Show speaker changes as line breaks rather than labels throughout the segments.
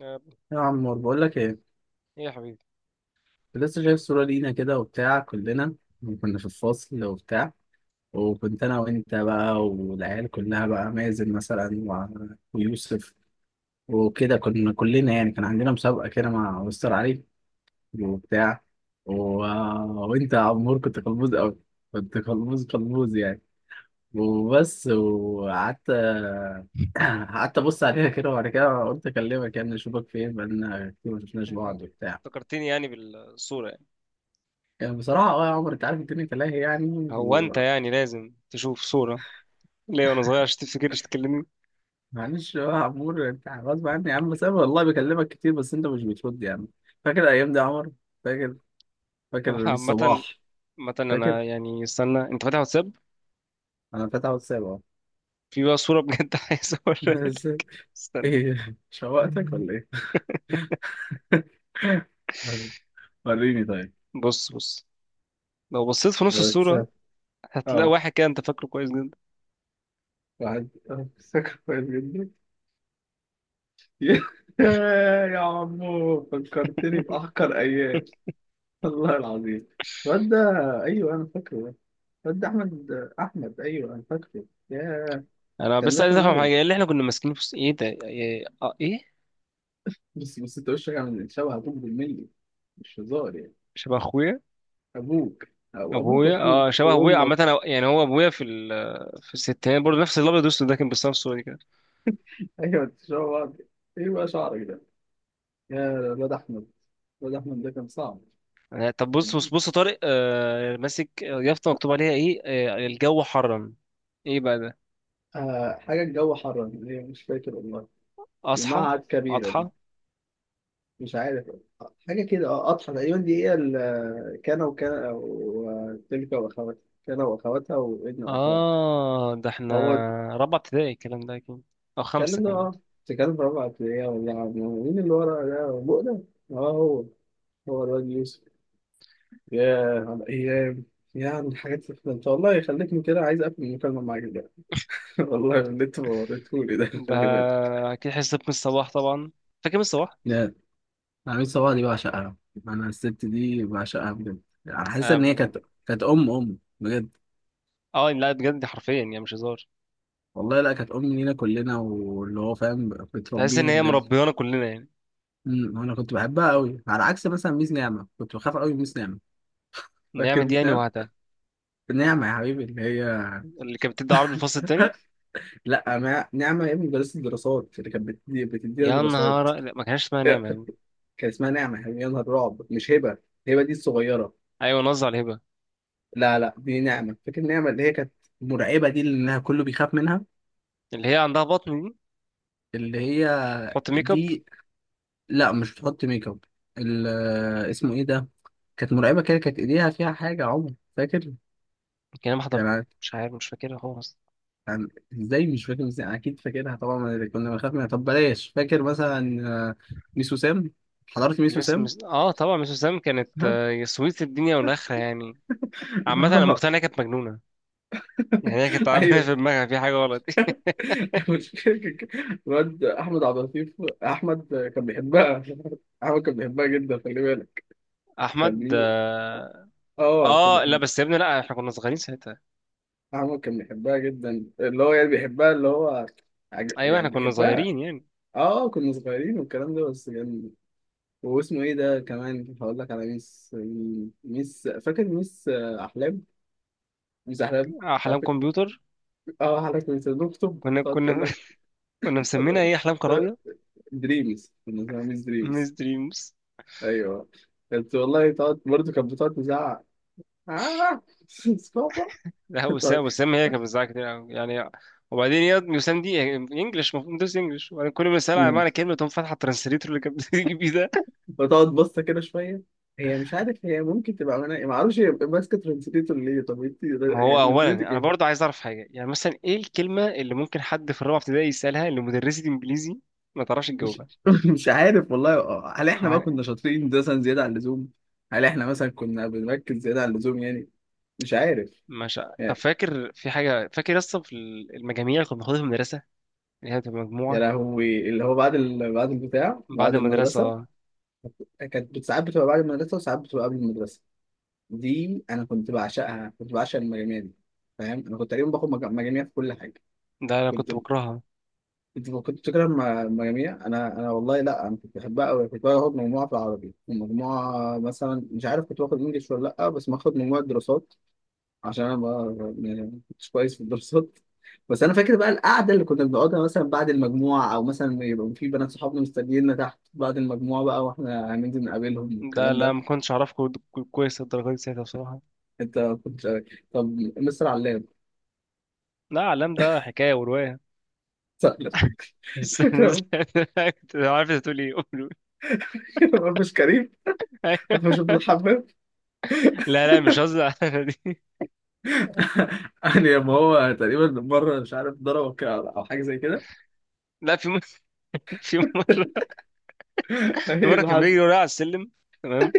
آه،
يا عمور بقول لك ايه.
ايه يا حبيبي.
كنت لسه شايف صورة لينا كده وبتاع، كلنا كنا في الفصل وبتاع. وكنت انا وانت بقى والعيال كلها بقى، مازن مثلا ويوسف، وكده كنا كلنا يعني كان عندنا مسابقة كده مع مستر علي وبتاع و... وانت يا عمور كنت قلبوز قوي، كنت قلبوز قلبوز يعني، وبس وقعدت. قعدت ابص عليها كده، وبعد كده قلت اكلمك يعني اشوفك فين، بقالنا كتير ما شفناش بعض وبتاع.
افتكرتني يعني بالصورة يعني؟
يعني بصراحة يا عمر، انت عارف الدنيا تلاهي يعني
هو انت
و-
يعني لازم تشوف صورة ليه وانا صغير عشان تفتكرش تكلمني؟
معلش بقى يا عمور، انت غصب عني يا عم، بس انا والله بكلمك كتير بس انت مش بترد يا عم. فاكر الايام دي يا عمر؟ فاكر؟ فاكر
طب
رميس
عامة،
صباح؟
عامة
فاكر؟
انا يعني استنى، انت فاتح واتساب؟
انا فاتح واتساب اهو.
في بقى صورة بجد عايز اوريها لك.
بس.
استنى،
ايه شوقتك ولا ايه؟ وريني طيب
بص بص، لو بصيت في نص الصورة
الواتساب.
هتلاقي
اه،
واحد كده انت فاكره كويس جدا.
واحد اه، فاكر كويس جدا. يا عمو فكرتني بأحقر أيام، والله العظيم. الواد ده، أيوه أنا فاكره، ده احمد. احمد، ايوه انا فاكره، ياه.
انا
كان
بس عايز
رخم
افهم حاجة،
قوي.
ايه اللي احنا كنا ماسكينه في ايه ده؟ ايه؟ اه ايه؟
بس، انت وشك عامل شبه ابوك بالملي، مش هزار يعني.
شبه اخويا.
ابوك، او ابوك
ابويا، اه
واخوك
شبه ابويا. عامة
وامك.
يعني هو ابويا في في الستينات برضه نفس الابيض والاسود ده، كان بيستنى في الصورة دي كده.
ايوه، انت شبه بعض. ايه بقى شعرك ده يا الواد احمد؟ الواد احمد ده كان صعب.
آه، طب بص بص بص يا طارق، آه ماسك يافطة مكتوب عليها ايه؟ آه الجو حرم. ايه بقى ده؟
آه، حاجه الجو حر، ايه مش فاكر والله.
اصحى،
المعهد كبيره دي،
اضحى.
مش عارف. حاجه كده، اه، قطحه تقريبا، دي هي كان وكان وتلك واخواتها. كان واخواتها وابن واخواتها،
اه ده احنا
هو.
رابعة ابتدائي الكلام ده اكيد، او خمسة
الكلام ده
كمان.
اه، تتكلم في رابعة ابتدائي ولا مين اللي ورا ده بؤلة؟ اه، هو الواد يوسف. ياه على الأيام، يعني الحاجات اللي أنت، والله خليتني كده عايز أقفل المكالمة معاك دلوقتي. والله اللي أنت وريتهولي ده،
ده
خلي بالك.
اكيد حصة من الصباح طبعا. فاكر، من الصباح.
لا، عميد صباح دي بعشقها. انا الست دي بعشقها بجد، يعني حاسس ان هي
آم،
كانت ام ام بجد.
اه يعني لا بجد حرفيا يعني مش هزار.
والله لا، كانت ام لينا كلنا، واللي هو فاهم
تحس ان
بتربينا
هي
بجد.
مربيانا كلنا يعني.
انا كنت بحبها قوي، على عكس مثلا ميس نعمه، كنت بخاف قوي من ميس نعمه.
نعمة
فاكر
دي
ميس
يعني
نعمة؟
وهاتها،
نعمة يا حبيبي اللي هي،
اللي كانت بتدي عربي الفصل التاني.
لا ما... نعمة يا ابني مدرسة الدراسات اللي كانت بتدينا
يا
دراسات.
نهار، لا ما كانش اسمها نعمة يا عم.
كان اسمها نعمة يا حبيبي، يا نهار رعب، مش هبة. هبة دي الصغيرة.
ايوه نظر على الهبة،
لا لا، دي نعمة، فاكر نعمة اللي هي كانت مرعبة، دي اللي إنها كله بيخاف منها.
اللي هي عندها بطن دي،
اللي هي،
تحط ميك اب.
دي، لا مش بتحط ميك اب. ال... آه، اسمه ايه ده؟ كانت مرعبة كده، كانت ايديها فيها حاجة يا عمر فاكر؟
كان ما حضرت،
يعني
مش عارف، مش فاكرها خالص.
يعني ازاي مش فاكر؟ ازاي أنا اكيد فاكرها طبعا. أنا كنا بنخاف منها، طب بلاش، فاكر مثلا ميس وسام؟ حضرت ميس
مس
وسام.
مس اه، طبعا مس وسام كانت آه، يا سويت الدنيا والاخره يعني. عامه انا
اه،
مقتنع انها كانت مجنونه، يعني هي كانت تعبانه
ايوه،
في دماغها، في حاجه غلط.
المشكله كان كده. الواد احمد عبد اللطيف، احمد كان بيحبها، احمد كان بيحبها جدا، خلي بالك. كان
احمد اه.
كان
آه، لا
بيحب،
بس يا ابني، لا احنا كنا صغيرين ساعتها.
احمد كان بيحبها جدا، اللي هو يعني بيحبها، اللي هو
ايوه
يعني
احنا كنا
بيحبها.
صغيرين يعني.
اه كنا صغيرين والكلام ده بس كان. واسمه ايه ده، كمان هقول لك على ميس، فاكر ميس احلام؟ ميس احلام
احلام
بتاعتك.
كمبيوتر،
اه، حضرتك كنت بتكتب
كنا
تقعد
كنا
تقول
كنا مسمينها
لك.
ايه، احلام كراويه.
دريمز، كنا اسمها ميس
مس
دريمز،
دريمز.
ايوه. كانت والله تقعد، برضه كانت بتقعد تزعق. آه. بابا،
لا وسام،
تقعد-
وسام هي كانت بتزعق كتير أوي يعني. وبعدين يا وسام دي انجلش، المفروض ندرس انجلش، وبعدين كل ما اسالها على
مم.
معنى كلمه تقوم فاتحه الترانسليتور اللي كانت بتيجي بيه ده.
بتقعد بصة كده شوية. هي مش عارف، هي ممكن تبقى مناقي، ما اعرفش هي ماسكة ترانسليتور ليه، طب انت
ما هو
يعني
اولا
لازمتك
انا برضه
ايه؟
عايز اعرف حاجه، يعني مثلا ايه الكلمه اللي ممكن حد في الرابعه ابتدائي يسالها لمدرسه انجليزي ما تعرفش
مش
تجاوبها؟
مش عارف والله. هل احنا بقى كنا
حوالي-
شاطرين مثلا زيادة عن اللزوم؟ هل احنا مثلا كنا بنركز زيادة عن اللزوم يعني؟ مش عارف
مش ع- طب
يعني.
فاكر في حاجه، فاكر اصلا في المجاميع اللي كنا بناخدها في المدرسه، اللي هي بتبقى
يا
مجموعه
لهوي، اللي هو بعد بعد البتاع،
بعد
بعد المدرسة.
المدرسه؟
كانت ساعات بتبقى بعد المدرسة وساعات بتبقى قبل المدرسة. دي انا كنت بعشقها، كنت بعشق المجاميع دي، فاهم؟ انا كنت تقريبا باخد مجاميع في كل حاجه.
ده انا
كنت
كنت بكرهها.
كنت بتكره المجاميع. انا والله لا، انا كنت بحبها قوي، كنت باخد مجموعه في العربي، ومجموعه مثلا مش عارف كنت باخد انجلش ولا لا، بس باخد مجموعه دراسات، عشان انا ما، يعني ما كنتش كويس في الدراسات. بس انا فاكر بقى القعده اللي كنا بنقعدها مثلا بعد المجموعه، او مثلا يبقى في بنات صحابنا مستنييننا تحت بعد المجموعه بقى، واحنا هننزل نقابلهم
ده
والكلام
لا ما
ده.
كنتش اعرف كويس الدرجات دي ساعتها بصراحه.
انت كنت، طب، مستر علام،
لا علام ده حكايه وروايه.
صح؟
استنى استنى، كنت عارف انت تقول ايه، قول.
ما فيش كريم. ما فيش ابن الحمام،
لا لا، مش قصدي على دي.
يعني ما هو تقريبا مره مش عارف ضربه كده او حاجه زي كده،
لا في مره، في مره، في
ايه
مره
اللي
كان
حصل؟
بيجري ورايا على السلم، تمام،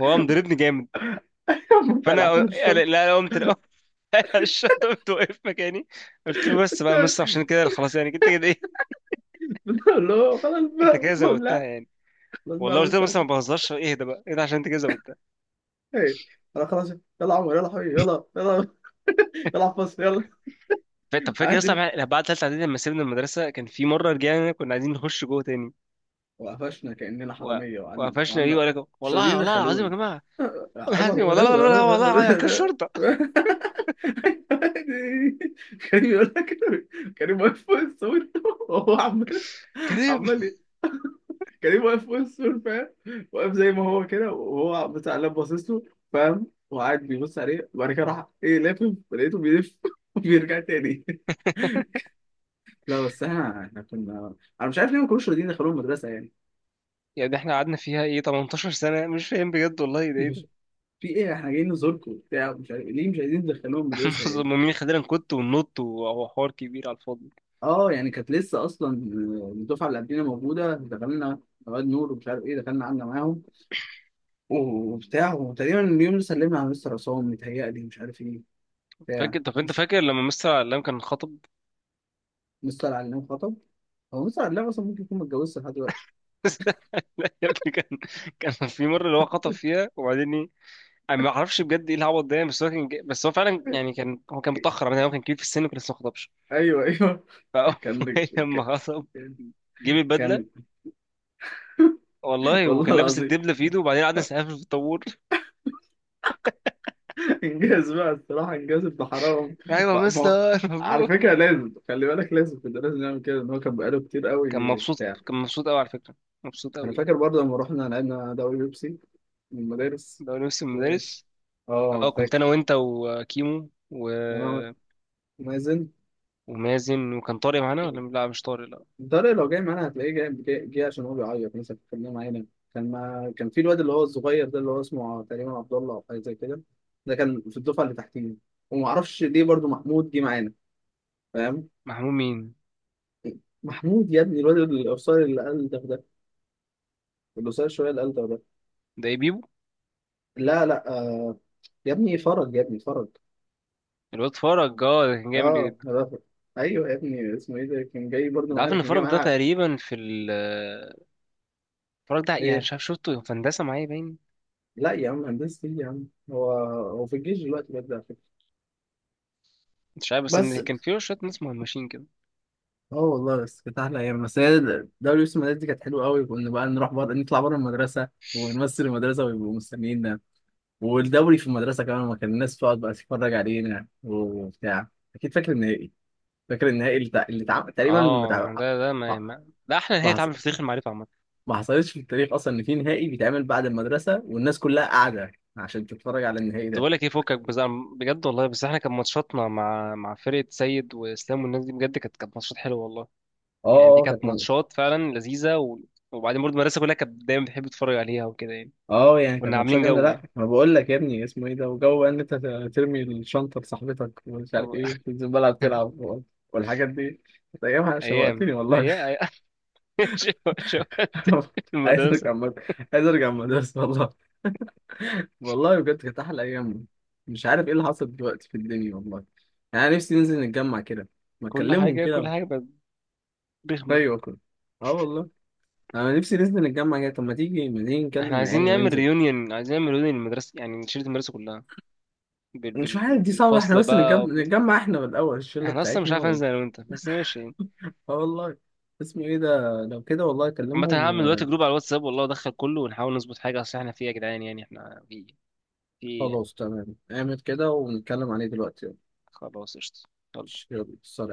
هو قام ضربني جامد.
انت قلعتني في الشنطه.
لا قمت انا قمت وقف مكاني. قلت له بس بقى يا مستر، عشان كده خلاص يعني انت كده ايه،
بقول له خلاص
انت
بقى،
كده
بقول
زودتها
لا
يعني.
خلاص بقى
والله
ما
قلت له بس ما
ينفعش،
بهزرش، اهدى بقى، اهدى، عشان انت كده زودتها.
ايه. انا خلاص يلا. يا عمر يلا يا حبيبي، يلا يلا، يلا فصل يلا.
طب فاكر
عادي.
اصلا بعد ثالثه اعدادي لما سيبنا المدرسه، كان في مره رجعنا كنا عايزين نخش جوه تاني
وقفشنا كاننا
و-
حراميه، وقعدنا
وقفشنا، ايه
وقعدنا،
وقال لك؟
مش راضيين
والله، والله العظيم يا
يدخلوني،
جماعه، والله
عمر.
العظيم، والله كان شرطه.
كريم يقول لك، كريم واقف فوق السور وهو عمال
كريم.
عمال كريم واقف فوق السور، فاهم؟ واقف زي ما هو كده، وهو بتاع اللاب باصص له، فاهم؟ وقاعد بيبص عليه، وبعد كده راح ايه لافف، لقيته بيلف وبيرجع تاني. لا بس احنا كنا، انا مش عارف ليه ما كانوش راضيين يدخلوهم المدرسه يعني.
يعني احنا قعدنا فيها ايه، 18 سنه، مش فاهم بجد والله ده
مش،
إيه.
في ايه، احنا جايين نزوركم وبتاع، مش عارف ليه مش عايزين تدخلوهم المدرسه يعني.
مين؟ خلينا نكت وننط وهو حوار كبير على الفاضي.
اه يعني كانت لسه اصلا الدفعه اللي قبلنا موجوده، دخلنا. رواد نور ومش عارف ايه، دخلنا قعدنا معاهم وبتاع. وتقريبا اليوم اللي سلمنا على مستر عصام، متهيألي مش عارف ايه، بتاع.
فاكر، طب انت
مس-
فاكر لما مستر علام كان خطب؟
مستر علام خطب. هو مستر علام اصلا ممكن يكون متجوزش لحد دلوقتي.
لا يا ابني كان، كان في مره اللي هو خطب فيها، وبعدين ايه؟ انا ما اعرفش بجد ايه العبط ده يعني، بس هو كان بس هو فعلا يعني كان، هو كان متاخر، يعني هو كان كبير في السن وكان لسه ما خطبش.
ايوه ايوه.
فاول
كان
لما خطب
كان
جيب البدله
كان
والله، وكان
والله
لابس
العظيم.
الدبله في ايده، وبعدين قعد يسقف في الطابور.
انجاز بقى الصراحه، انجاز ابن حرام.
ايوه يا
ما هو-
مستر
على
مبروك.
فكره لازم خلي بالك، لازم كده، لازم نعمل كده، ان هو كان بقاله كتير
كان
قوي
مبسوط،
بتاع.
كان مبسوط قوي على فكره، مبسوط
انا
قوي يعني.
فاكر برضه لما رحنا لعبنا دوري بيبسي من المدارس
ده هو نفس
و...
المدرس. اه
اه
كنت انا
فاكر.
وانت وكيمو و...
انا، مازن،
ومازن، وكان طارق معانا ولا لا، مش طارق لا.
الدرجة لو جاي معانا هتلاقيه جاي, جاي, جاي، عشان هو بيعيط، مثلا كنا معانا. كان ما... كان في الواد اللي هو الصغير ده اللي هو اسمه تقريبا عبد الله او حاجه زي كده. ده كان في الدفعه اللي تحتينا. وما اعرفش ليه برضه محمود جه معانا، فاهم؟
محمود مين؟
محمود يا ابني الواد القصير اللي قال ده ده، اللي قصير شويه اللي قال ده ده.
ده ايه، بيبو؟
لا لا، يا ابني فرج، يا ابني فرج.
الواد فرج، اه ده كان جامد
اه
جدا.
أنا بفرج. ايوه يا ابني اسمه ايه ده، كان جاي برضه
انت عارف
معانا،
ان
كان جاي
فرج ده
معانا،
تقريبا في فرج ده يعني
ايه.
مش عارف، شفته في هندسه معايا باين.
لا يا عم، هندسة ايه يا عم؟ هو في الجيش دلوقتي بجد على فكرة.
مش عارف بس
بس
ان كان فيه شويه ناس مهمشين كده.
اه والله بس كانت احلى ايام. بس هي دوري يوسف المدارس دي كانت حلوه قوي، كنا بقى نروح بره، نطلع بره المدرسه ونمثل المدرسه، ويبقوا مستنيينا. والدوري في المدرسه كمان، ما كان الناس تقعد بقى تتفرج علينا وبتاع. اكيد فاكر النهائي. فاكر النهائي اللي, اللي تقريبا ما
اه يعني ده ما,
ما
ما... ده احلى
ما
نهايه
حص-
اتعمل في تاريخ المعرفه عامه.
ما حصلتش في التاريخ اصلا ان في نهائي بيتعمل بعد المدرسه والناس كلها قاعده عشان تتفرج على النهائي
طب
ده.
بقول لك ايه، فكك بس، بجد والله، بس احنا كان ماتشاتنا مع مع فرقه سيد واسلام والناس دي بجد كانت ماتشات حلوه والله،
اه،
يعني دي كانت
كانت
ماتشات فعلا لذيذة و... وبعدين برضه المدرسة كلها كانت دايما بتحب تتفرج عليها وكده يعني.
اه يعني كانت
كنا عاملين
ماتشات جامده.
جو
لا
يعني
ما بقول لك يا ابني اسمه ايه ده، وجو بقى ان انت ترمي الشنطه لصاحبتك ومش عارف
و-
ايه تنزل الملعب تلعب والحاجات دي. كانت ايامها شوقتني
أيام
والله.
أيام شو- شو-
عايز
المدرسة.
ارجع مد... عايز ارجع المدرسه والله. والله بجد كانت احلى ايام. مش عارف ايه اللي حصل دلوقتي في الدنيا والله. يعني أنا نفسي ننزل نتجمع كده، ما
كل
اكلمهم
حاجة كل
كده.
حاجة بقت رخمة.
ايوه كده. اه والله، انا نفسي ننزل نتجمع كده، طب ما تيجي ما تيجي
احنا
نكلم العيال
عايزين نعمل
وننزل.
ريونيون، عايزين نعمل ريونيون المدرسة، يعني نشيل المدرسة كلها
مش عارف دي صعبة، احنا
بالفصل
بس نتجمع,
بقى
نتجمع احنا بالأول الشلة
احنا أصلا مش
بتاعتنا
عارف، أنزل أنا وأنت بس ماشي يعني.
اه والله. اسمه ايه ده، لو كده والله
عامة هعمل دلوقتي
اكلمهم.
جروب على الواتساب والله، أدخل كله ونحاول نظبط حاجة، أصل احنا فيه يا جدعان، يعني احنا فيه، فيه يعني.
وخلاص تمام، اعمل كده ونتكلم عليه دلوقتي يلا.
خلاص قشطة، يلا.
يلا، سلام.